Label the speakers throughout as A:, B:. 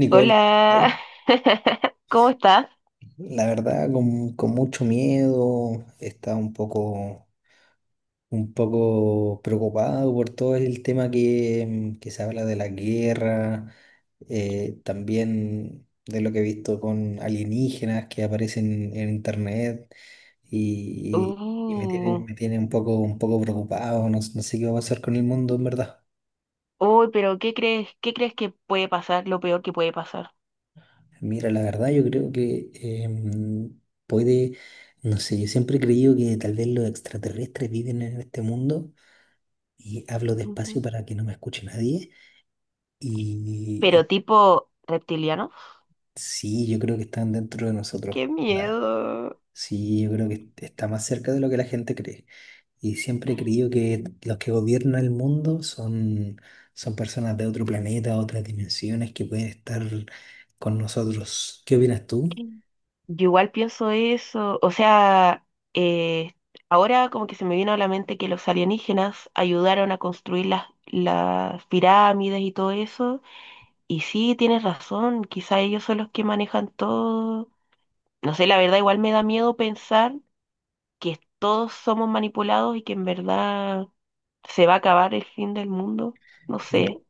A: Nicole,
B: Hola, ¿cómo estás?
A: la verdad, con mucho miedo, estaba un poco preocupado por todo el tema que se habla de la guerra, también de lo que he visto con alienígenas que aparecen en internet y, y me tiene,
B: Uh,
A: un poco preocupado, no sé qué va a pasar con el mundo en verdad.
B: uy, pero ¿qué crees? ¿Qué crees que puede pasar? Lo peor que puede pasar.
A: Mira, la verdad yo creo que puede, no sé, yo siempre he creído que tal vez los extraterrestres viven en este mundo y hablo
B: Ujú.
A: despacio para que no me escuche nadie y,
B: Pero
A: y
B: tipo reptiliano.
A: sí, yo creo que están dentro de nosotros.
B: Qué
A: Da.
B: miedo.
A: Sí, yo creo que está más cerca de lo que la gente cree y siempre he creído que los que gobiernan el mundo son personas de otro planeta, otras dimensiones que pueden estar con nosotros. ¿Qué opinas tú?
B: Yo igual pienso eso. O sea, eh, ahora como que se me vino a la mente que los alienígenas ayudaron a construir las pirámides y todo eso. Y sí, tienes razón, quizá ellos son los que manejan todo. No sé, la verdad igual me da miedo pensar que todos somos manipulados y que en verdad se va a acabar el fin del mundo. No sé.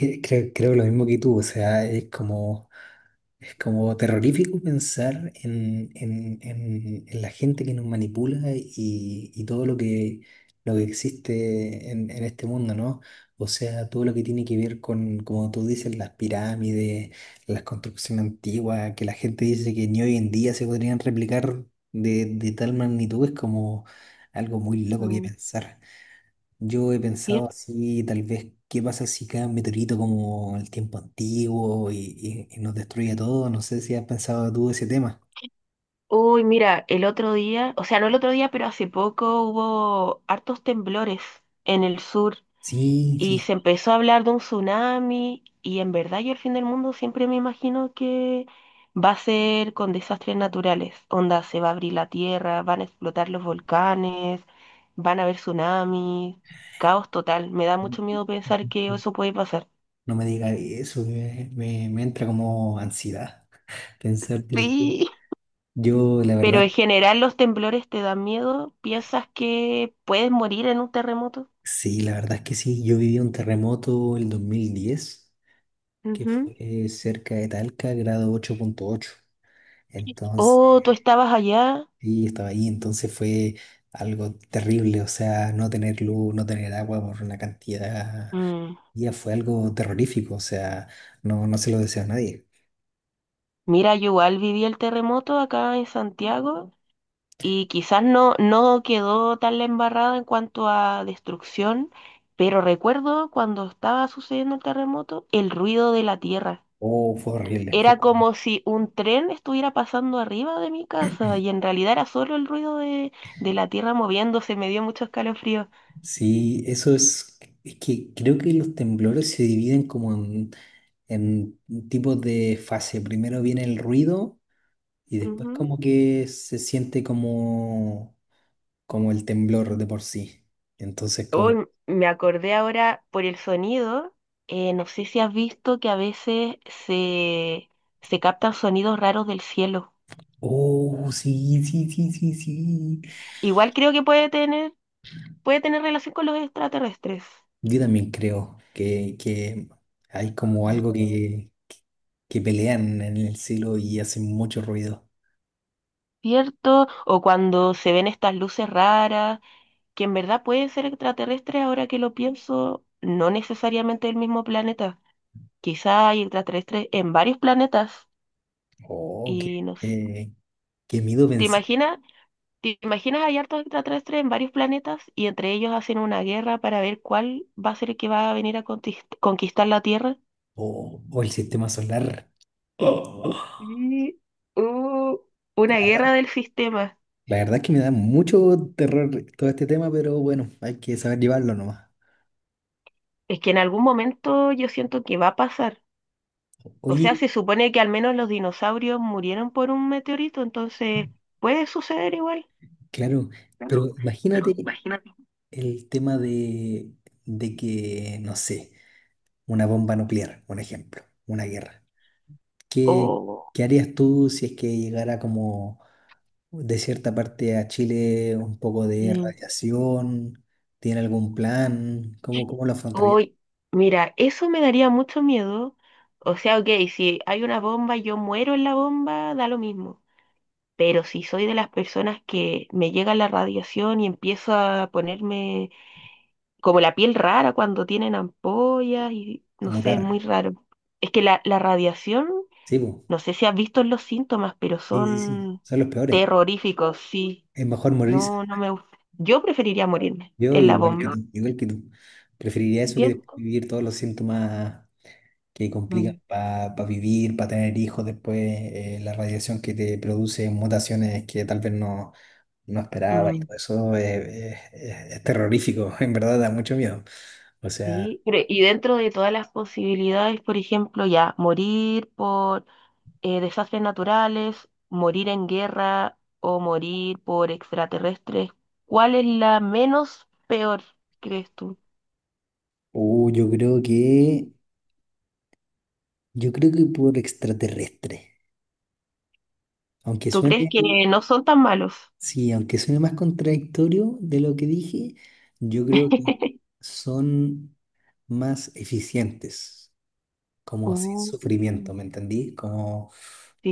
A: Creo lo mismo que tú, o sea, es como terrorífico pensar en la gente que nos manipula y todo lo que existe en este mundo, ¿no? O sea, todo lo que tiene que ver con, como tú dices, las pirámides, las construcciones antiguas, que la gente dice que ni hoy en día se podrían replicar de tal magnitud, es como algo muy loco que
B: mm,
A: pensar. Yo he pensado
B: ¿Cierto?
A: así, tal vez, ¿qué pasa si cae un meteorito como el tiempo antiguo y nos destruye todo? No sé si has pensado tú ese tema.
B: Uy, mira, el otro día, o sea, no el otro día, pero hace poco hubo hartos temblores en el sur.
A: Sí,
B: Y
A: sí.
B: se empezó a hablar de un tsunami y en verdad yo el fin del mundo siempre me imagino que va a ser con desastres naturales. Onda, se va a abrir la tierra, van a explotar los volcanes, van a haber tsunamis, caos total. Me da mucho miedo pensar que eso puede pasar.
A: No me digas eso, me entra como ansiedad pensar del...
B: Sí.
A: Yo, la
B: Pero en
A: verdad,
B: general los temblores te dan miedo, piensas que puedes morir en un terremoto.
A: sí, la verdad es que sí. Yo viví un terremoto el 2010, que
B: Ujú.
A: fue cerca de Talca, grado 8.8. Entonces...
B: Oh, tú estabas allá.
A: Y estaba ahí, entonces fue algo terrible, o sea, no tener luz, no tener agua por una cantidad de
B: Mm.
A: días fue algo terrorífico, o sea, no, no se lo deseo a nadie.
B: Mira, yo igual viví el terremoto acá en Santiago. Y quizás no, no quedó tan la embarrada en cuanto a destrucción, pero recuerdo cuando estaba sucediendo el terremoto, el ruido de la tierra.
A: Oh, fue horrible, fue
B: Era
A: horrible.
B: como si un tren estuviera pasando arriba de mi casa y en realidad era solo el ruido de la tierra moviéndose, me dio mucho escalofrío.
A: Sí, eso es que creo que los temblores se dividen como en tipos de fase. Primero viene el ruido y después
B: Ujú.
A: como que se siente como, como el temblor de por sí. Entonces como,
B: Hoy me acordé ahora por el sonido, no sé si has visto que a veces se, se captan sonidos raros del cielo.
A: oh, sí, sí, sí, sí, sí.
B: Igual creo que puede tener relación con los extraterrestres,
A: Yo también creo que hay como algo que pelean en el cielo y hacen mucho ruido.
B: ¿cierto? O cuando se ven estas luces raras, que en verdad pueden ser extraterrestres, ahora que lo pienso, no necesariamente del mismo planeta. Quizá hay extraterrestres en varios planetas
A: Oh,
B: y no sé.
A: qué miedo
B: ¿Te
A: pensar.
B: imaginas? ¿Te imaginas hay hartos extraterrestres en varios planetas y entre ellos hacen una guerra para ver cuál va a ser el que va a venir a conquistar la Tierra?
A: O el sistema solar. Oh,
B: Sí. uh, una
A: la verdad,
B: guerra del sistema.
A: la verdad es que me da mucho terror todo este tema, pero bueno, hay que saber llevarlo nomás.
B: Es que en algún momento yo siento que va a pasar. O sea,
A: Oye,
B: se supone que al menos los dinosaurios murieron por un meteorito, entonces puede suceder igual.
A: claro,
B: Claro,
A: pero
B: pero
A: imagínate
B: imagínate.
A: el tema de que, no sé, una bomba nuclear, un ejemplo, una guerra. ¿Qué,
B: O,
A: qué harías tú si es que llegara como de cierta parte a Chile un poco de
B: mm,
A: radiación? ¿Tiene algún plan? ¿Cómo, cómo lo
B: o-
A: afrontarías?
B: Mira, eso me daría mucho miedo. O sea, ok, si hay una bomba y yo muero en la bomba, da lo mismo. Pero si soy de las personas que me llega la radiación y empiezo a ponerme como la piel rara cuando tienen ampollas y
A: A
B: no sé, es muy
A: mutar.
B: raro. Es que la radiación,
A: Sí, po.
B: no sé si has visto los síntomas, pero
A: Sí, sí, sí.
B: son
A: Son los peores.
B: terroríficos, sí.
A: Es mejor morirse.
B: No, no me gusta. Yo preferiría morirme
A: Yo
B: en la
A: igual que
B: bomba.
A: tú, igual que tú. Preferiría eso que después
B: ¿Cierto?
A: vivir todos los síntomas que complican
B: Mm,
A: para vivir, para tener hijos después, la radiación que te produce mutaciones que tal vez no, no esperaba y
B: mm,
A: todo eso es, es terrorífico, en verdad da mucho miedo. O sea,
B: sí. Pero, y dentro de todas las posibilidades, por ejemplo, ya morir por desastres naturales, morir en guerra o morir por extraterrestres, ¿cuál es la menos peor, crees tú?
A: uh, yo creo yo creo que por extraterrestre. Aunque
B: ¿Tú crees
A: suene,
B: que no son tan malos?
A: sí, aunque suene más contradictorio de lo que dije, yo creo que son más eficientes. Como sin
B: Uh,
A: sufrimiento, ¿me entendí? Como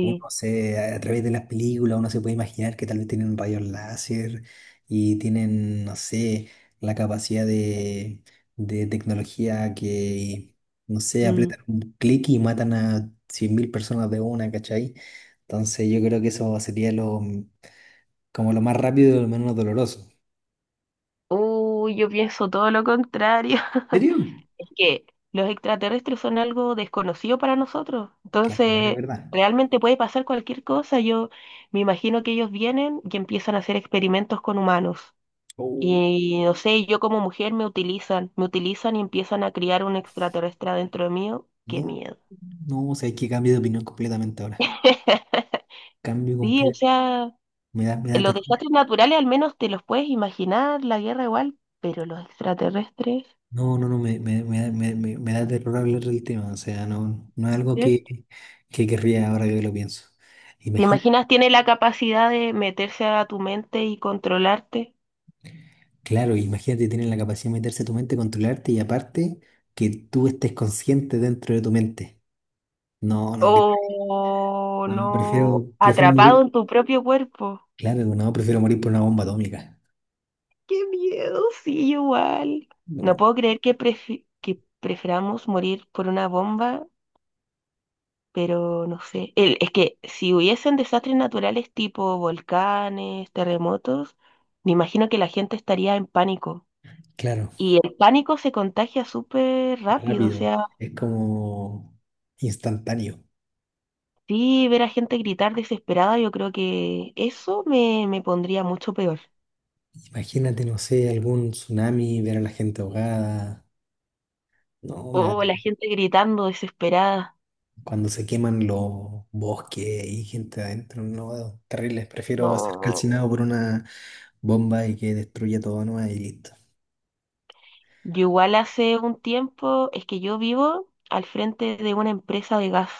A: uno se, a través de las películas, uno se puede imaginar que tal vez tienen rayos láser y tienen, no sé, la capacidad de tecnología que, no sé,
B: Mm.
A: apretan un clic y matan a 100.000 personas de una, ¿cachai? Entonces yo creo que eso sería lo, como lo más rápido y lo menos doloroso.
B: Uy, yo pienso todo lo contrario.
A: ¿En serio?
B: Es que los extraterrestres son algo desconocido para nosotros.
A: Claro, igual es
B: Entonces,
A: verdad.
B: realmente puede pasar cualquier cosa. Yo me imagino que ellos vienen y empiezan a hacer experimentos con humanos.
A: Oh.
B: Y no sé, yo como mujer me utilizan y empiezan a criar un extraterrestre dentro de mío. Qué
A: No,
B: miedo.
A: no, o sea, hay que cambiar de opinión completamente ahora. Cambio
B: Sí, o
A: completamente.
B: sea.
A: Me da
B: Los
A: terror.
B: desastres naturales al menos te los puedes imaginar, la guerra igual, pero los extraterrestres,
A: No, no, no, me da me da terror hablar del tema. O sea, no, no es algo
B: ¿cierto?
A: que querría ahora que lo pienso.
B: ¿Te
A: Imagínate,
B: imaginas tiene la capacidad de meterse a tu mente y controlarte?
A: claro, imagínate tener la capacidad de meterse a tu mente, controlarte y aparte que tú estés consciente dentro de tu mente. No, no, que-
B: O
A: no,
B: no,
A: prefiero, prefiero
B: atrapado
A: morir.
B: en tu propio cuerpo.
A: Claro, no, prefiero morir por una bomba atómica.
B: ¡Qué miedo! Sí, igual. No
A: No,
B: puedo creer que, que prefiramos morir por una bomba, pero no sé. Es que si hubiesen desastres naturales tipo volcanes, terremotos, me imagino que la gente estaría en pánico.
A: claro,
B: Y el pánico se contagia súper rápido, o
A: rápido.
B: sea,
A: Es como instantáneo.
B: sí, ver a gente gritar desesperada, yo creo que eso me, me pondría mucho peor.
A: Imagínate, no sé, algún tsunami, ver a la gente ahogada. No, me
B: O la
A: da
B: gente gritando desesperada.
A: cuando se queman los bosques y gente adentro, no, terribles. Prefiero ser calcinado por
B: No.
A: una bomba y que destruya todo nomás y listo.
B: Yo igual hace un tiempo, es que yo vivo al frente de una empresa de gas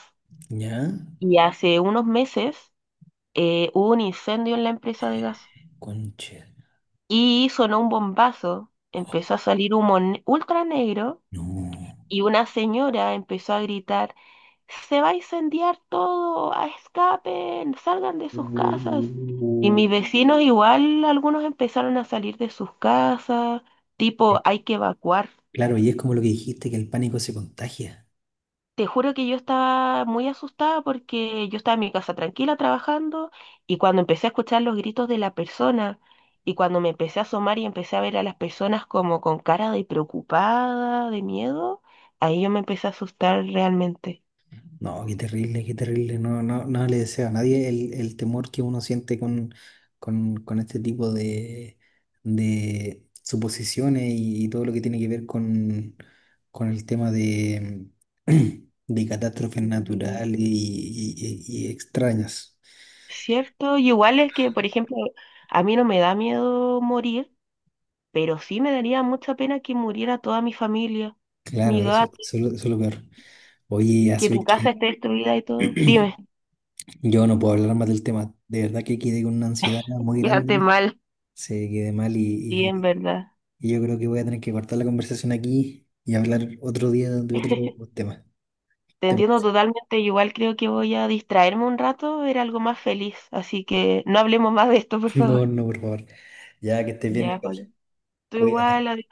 A: ¿Ya?
B: y hace unos meses hubo un incendio en la empresa de gas
A: Conche.
B: y sonó un bombazo, empezó a salir humo ultra negro.
A: No.
B: Y una señora empezó a gritar, se va a incendiar todo, a escapen, salgan de sus casas. Y
A: Uh.
B: mis vecinos igual, algunos empezaron a salir de sus casas, tipo, hay que evacuar.
A: Claro, y es como lo que dijiste, que el pánico se contagia.
B: Te juro que yo estaba muy asustada porque yo estaba en mi casa tranquila trabajando y cuando empecé a escuchar los gritos de la persona y cuando me empecé a asomar y empecé a ver a las personas como con cara de preocupada, de miedo, ahí yo me empecé a asustar realmente.
A: No, qué terrible, qué terrible. No, no, no le deseo a nadie el, el temor que uno siente con este tipo de suposiciones y todo lo que tiene que ver con el tema de, de catástrofes
B: Y
A: naturales y extrañas.
B: cierto, y igual es que, por ejemplo, a mí no me da miedo morir, pero sí me daría mucha pena que muriera toda mi familia,
A: Claro,
B: mi
A: eso,
B: gato,
A: eso es lo peor. Oye,
B: que
A: así
B: tu casa
A: que
B: esté destruida y todo. Dime,
A: yo no puedo hablar más del tema. De verdad que quedé con una ansiedad muy
B: quédate
A: grande.
B: mal.
A: Se quedé mal
B: Sí, en
A: y
B: verdad.
A: Y yo creo que voy a tener que cortar la conversación aquí y hablar otro día de otro tema.
B: Te
A: ¿Te
B: entiendo
A: parece?
B: totalmente, igual creo que voy a distraerme un rato, ver algo más feliz, así que no hablemos más de esto, por favor.
A: No, no, por favor. Ya que estés bien,
B: Ya,
A: Nicole.
B: Pauli. Tú
A: Cuídate.
B: igual,